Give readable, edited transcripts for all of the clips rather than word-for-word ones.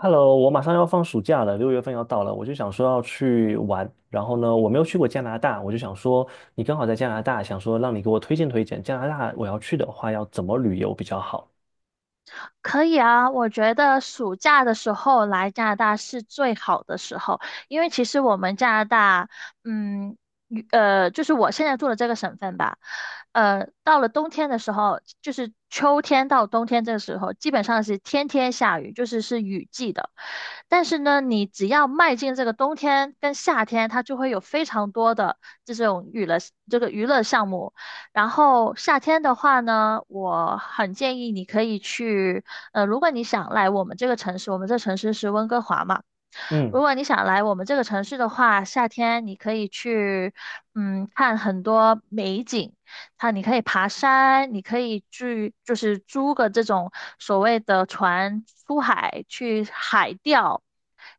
Hello，我马上要放暑假了，六月份要到了，我就想说要去玩。然后呢，我没有去过加拿大，我就想说你刚好在加拿大，想说让你给我推荐加拿大，我要去的话要怎么旅游比较好？可以啊，我觉得暑假的时候来加拿大是最好的时候，因为其实我们加拿大，嗯，与就是我现在住的这个省份吧，到了冬天的时候，就是秋天到冬天这个时候，基本上是天天下雨，就是是雨季的。但是呢，你只要迈进这个冬天跟夏天，它就会有非常多的这种娱乐这个娱乐项目。然后夏天的话呢，我很建议你可以去如果你想来我们这个城市，我们这城市是温哥华嘛，如嗯果你想来我们这个城市的话，夏天你可以去，嗯，看很多美景。它你可以爬山，你可以去就是租个这种所谓的船出海去海钓，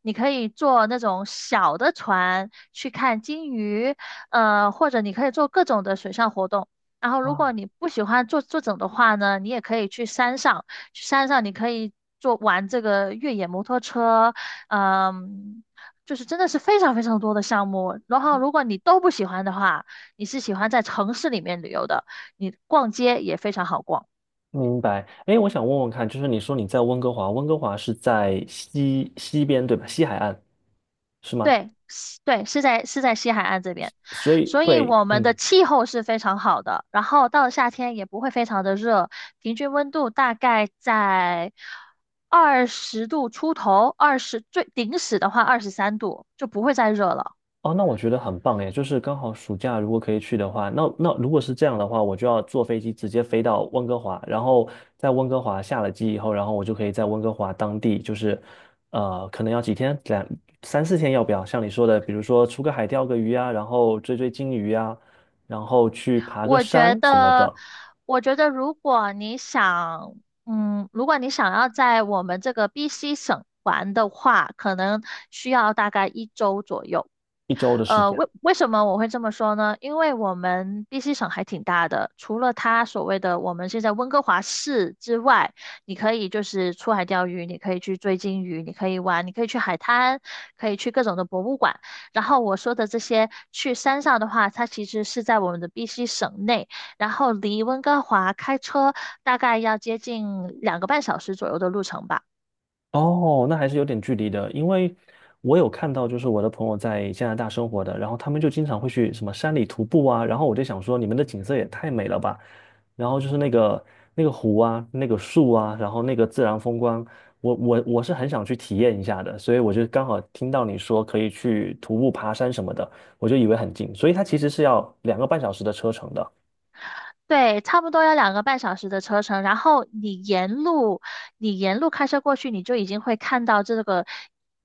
你可以坐那种小的船去看鲸鱼，或者你可以做各种的水上活动。然后，如啊，果你不喜欢坐整的话呢，你也可以去山上，去山上你可以坐玩这个越野摩托车，嗯，就是真的是非常非常多的项目。然后，如果你都不喜欢的话，你是喜欢在城市里面旅游的，你逛街也非常好逛。明白。哎，我想问问看，就是你说你在温哥华，温哥华是在西边对吧？西海岸是吗？对，是对，是在西海岸这边，所以所以对，我们的嗯。气候是非常好的，然后到了夏天也不会非常的热，平均温度大概在二十度出头，二十最顶死的话二十三度，就不会再热了。哦，那我觉得很棒诶，就是刚好暑假如果可以去的话，那如果是这样的话，我就要坐飞机直接飞到温哥华，然后在温哥华下了机以后，然后我就可以在温哥华当地，可能要几天，两三四天，要不要？像你说的，比如说出个海钓个鱼啊，然后追鲸鱼啊，然后去爬个我觉山什么得，的，我觉得如果你想，嗯，如果你想要在我们这个 BC 省玩的话，可能需要大概一周左右。一周的时呃，间。为什么我会这么说呢？因为我们 BC 省还挺大的，除了它所谓的我们现在温哥华市之外，你可以就是出海钓鱼，你可以去追鲸鱼，你可以玩，你可以去海滩，可以去各种的博物馆。然后我说的这些去山上的话，它其实是在我们的 BC 省内，然后离温哥华开车大概要接近两个半小时左右的路程吧。哦，那还是有点距离的，因为我有看到，就是我的朋友在加拿大生活的，然后他们就经常会去什么山里徒步啊，然后我就想说，你们的景色也太美了吧，然后就是那个湖啊，那个树啊，然后那个自然风光，我是很想去体验一下的，所以我就刚好听到你说可以去徒步爬山什么的，我就以为很近，所以它其实是要两个半小时的车程的。对，差不多要两个半小时的车程，然后你沿路，你沿路开车过去，你就已经会看到这个，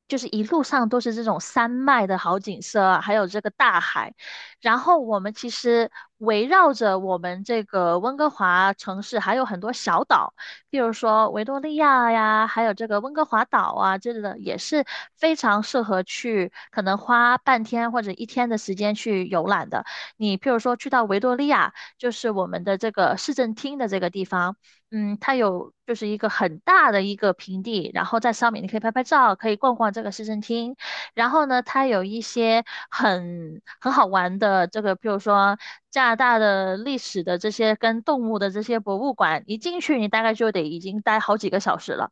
就是一路上都是这种山脉的好景色啊还有这个大海。然后我们其实围绕着我们这个温哥华城市还有很多小岛，比如说维多利亚呀，还有这个温哥华岛啊，这类的也是非常适合去，可能花半天或者一天的时间去游览的。你譬如说去到维多利亚。就是我们的这个市政厅的这个地方，嗯，它有就是一个很大的一个平地，然后在上面你可以拍拍照，可以逛逛这个市政厅。然后呢，它有一些很好玩的这个，比如说加拿大的历史的这些跟动物的这些博物馆，一进去你大概就得已经待好几个小时了。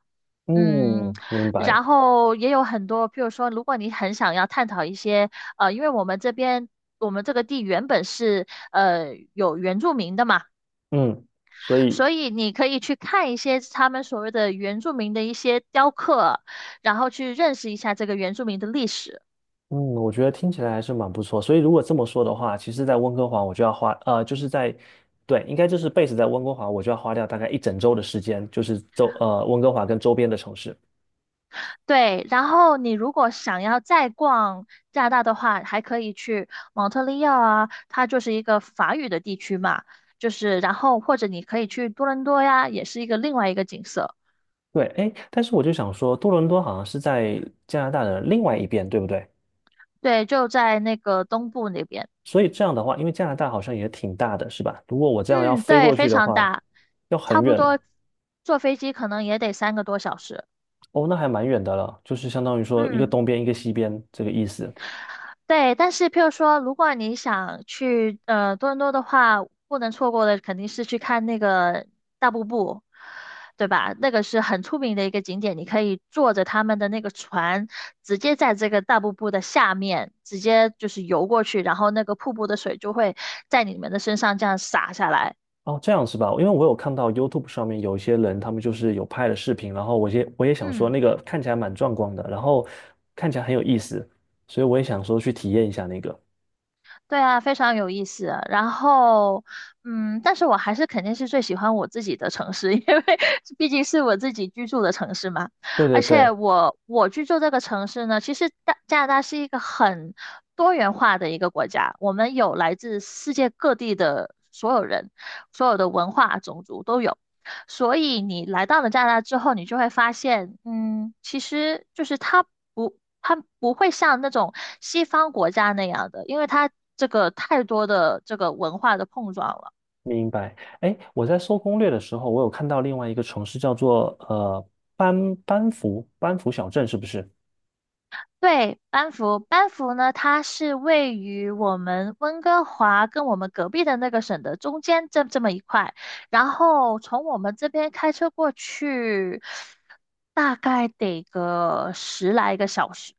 嗯，嗯，明白。然后也有很多，譬如说，如果你很想要探讨一些，因为我们这边我们这个地原本是有原住民的嘛，嗯，所以所以你可以去看一些他们所谓的原住民的一些雕刻，然后去认识一下这个原住民的历史。嗯，我觉得听起来还是蛮不错。所以如果这么说的话，其实，在温哥华我就要花，就是在，对，应该就是 base 在温哥华，我就要花掉大概一整周的时间，就是周，温哥华跟周边的城市。对，然后你如果想要再逛加拿大的话，还可以去蒙特利尔啊，它就是一个法语的地区嘛，就是然后或者你可以去多伦多呀，也是一个另外一个景色。对，哎，但是我就想说，多伦多好像是在加拿大的另外一边，对不对？对，就在那个东部那边。所以这样的话，因为加拿大好像也挺大的，是吧？如果我这样要嗯，飞对，过去非的常话，大，要很差不远。多坐飞机可能也得三个多小时。哦，那还蛮远的了，就是相当于说一个嗯。东边一个西边这个意思。对，但是譬如说，如果你想去多伦多的话，不能错过的肯定是去看那个大瀑布，对吧？那个是很出名的一个景点，你可以坐着他们的那个船，直接在这个大瀑布的下面直接就是游过去，然后那个瀑布的水就会在你们的身上这样洒下来。哦，这样是吧？因为我有看到 YouTube 上面有一些人，他们就是有拍了视频，然后我也想说嗯。那个看起来蛮壮观的，然后看起来很有意思，所以我也想说去体验一下那个。对啊，非常有意思。然后，嗯，但是我还是肯定是最喜欢我自己的城市，因为毕竟是我自己居住的城市嘛。对而对且对，我居住这个城市呢，其实大加拿大是一个很多元化的一个国家，我们有来自世界各地的所有人，所有的文化、种族都有。所以你来到了加拿大之后，你就会发现，嗯，其实就是它不，它不会像那种西方国家那样的，因为它这个太多的这个文化的碰撞了。明白。哎，我在搜攻略的时候，我有看到另外一个城市叫做班福小镇，是不是？对，班夫，班夫呢，它是位于我们温哥华跟我们隔壁的那个省的中间这么一块，然后从我们这边开车过去，大概得个十来个小时。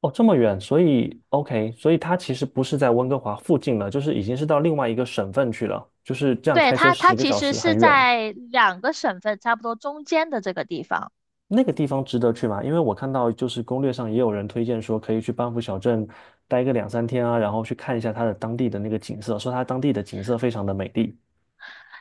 哦，这么远，所以 OK，所以它其实不是在温哥华附近了，就是已经是到另外一个省份去了，就是这样对，开车它，它十个其小实时，很是远。在两个省份差不多中间的这个地方。那个地方值得去吗？因为我看到就是攻略上也有人推荐说可以去班夫小镇待个两三天啊，然后去看一下它的当地的那个景色，说它当地的景色非常的美丽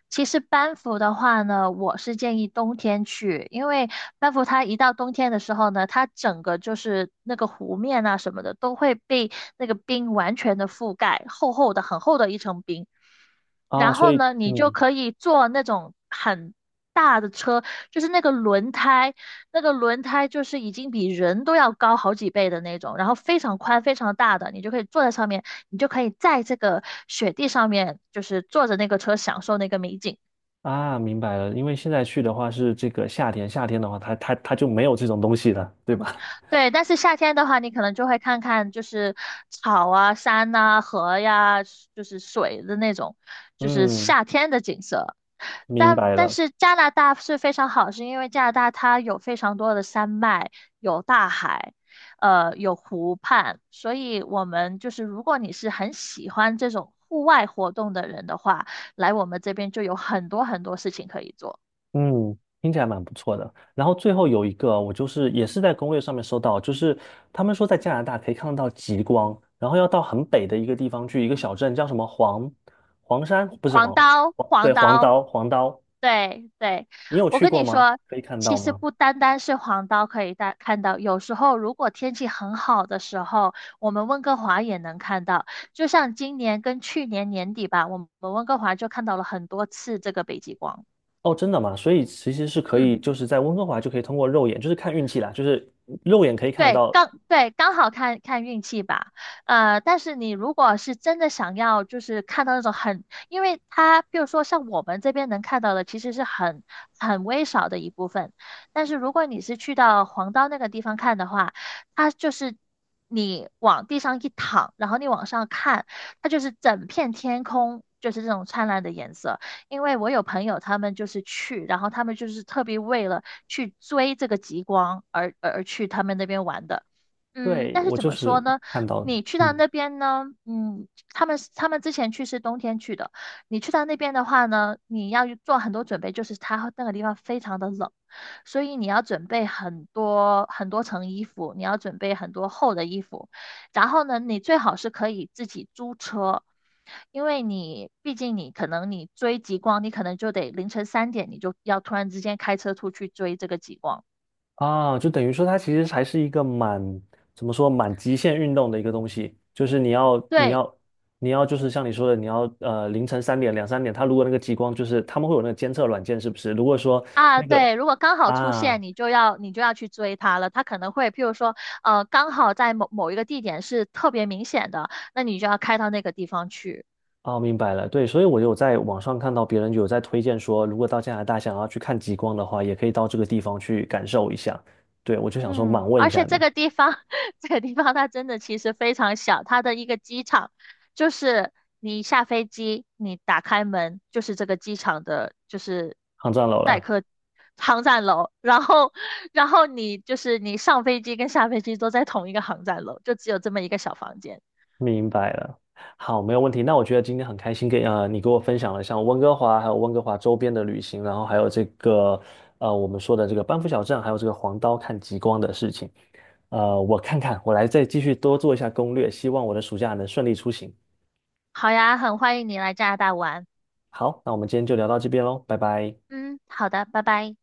其实班夫的话呢，我是建议冬天去，因为班夫它一到冬天的时候呢，它整个就是那个湖面啊什么的都会被那个冰完全的覆盖，厚厚的、很厚的一层冰。啊，然所后以呢，你就嗯可以坐那种很大的车，就是那个轮胎就是已经比人都要高好几倍的那种，然后非常宽、非常大的，你就可以坐在上面，你就可以在这个雪地上面，就是坐着那个车享受那个美景。啊，明白了，因为现在去的话是这个夏天，夏天的话它就没有这种东西了，对吧？对，但是夏天的话，你可能就会看看就是草啊、山呐、河呀，就是水的那种，就是嗯，夏天的景色。明但白但了。是加拿大是非常好，是因为加拿大它有非常多的山脉，有大海，有湖畔，所以我们就是如果你是很喜欢这种户外活动的人的话，来我们这边就有很多很多事情可以做。嗯，听起来蛮不错的。然后最后有一个，我就是也是在攻略上面搜到，就是他们说在加拿大可以看得到极光，然后要到很北的一个地方去，一个小镇叫什么黄山，不是黄黄黄，刀，对，黄黄刀，刀黄刀，对对，你有我去跟过你吗？说，可以看其到实吗？不单单是黄刀可以大看到，有时候如果天气很好的时候，我们温哥华也能看到。就像今年跟去年年底吧，我们温哥华就看到了很多次这个北极光。哦，真的吗？所以其实是可以，嗯。就是在温哥华就可以通过肉眼，就是看运气啦，就是肉眼可以看得对，到。刚好看看运气吧。呃，但是你如果是真的想要，就是看到那种很，因为它，比如说像我们这边能看到的，其实是很微少的一部分。但是如果你是去到黄刀那个地方看的话，它就是你往地上一躺，然后你往上看，它就是整片天空就是这种灿烂的颜色。因为我有朋友他们就是去，然后他们就是特别为了去追这个极光而去他们那边玩的。嗯，对，但是我怎就么说是呢？看到了，你去到嗯那边呢，嗯，他们之前去是冬天去的，你去到那边的话呢，你要做很多准备，就是它那个地方非常的冷，所以你要准备很多很多层衣服，你要准备很多厚的衣服，然后呢，你最好是可以自己租车，因为你毕竟你可能你追极光，你可能就得凌晨三点你就要突然之间开车出去追这个极光。啊，就等于说它其实还是一个蛮，怎么说，蛮极限运动的一个东西，就是你要你对，要你要就是像你说的，你要凌晨三点两三点，它如果那个极光就是他们会有那个监测软件是不是？如果说啊，那个对，如果刚好出啊现，你就要去追它了。它可能会，譬如说，刚好在某某一个地点是特别明显的，那你就要开到那个地方去。哦明白了，对，所以我有在网上看到别人有在推荐说，如果到加拿大想要去看极光的话，也可以到这个地方去感受一下。对，我就想说满嗯，问一而下且这你，个地方，这个地方它真的其实非常小，它的一个机场就是你下飞机，你打开门就是这个机场的，就是抗战楼待了。客航站楼，然后你就是你上飞机跟下飞机都在同一个航站楼，就只有这么一个小房间。明白了，好，没有问题。那我觉得今天很开心跟，你给我分享了像温哥华，还有温哥华周边的旅行，然后还有这个我们说的这个班夫小镇，还有这个黄刀看极光的事情。呃，我看看，我来再继续多做一下攻略，希望我的暑假能顺利出行。好呀，很欢迎你来加拿大玩。好，那我们今天就聊到这边喽，拜拜。嗯，好的，拜拜。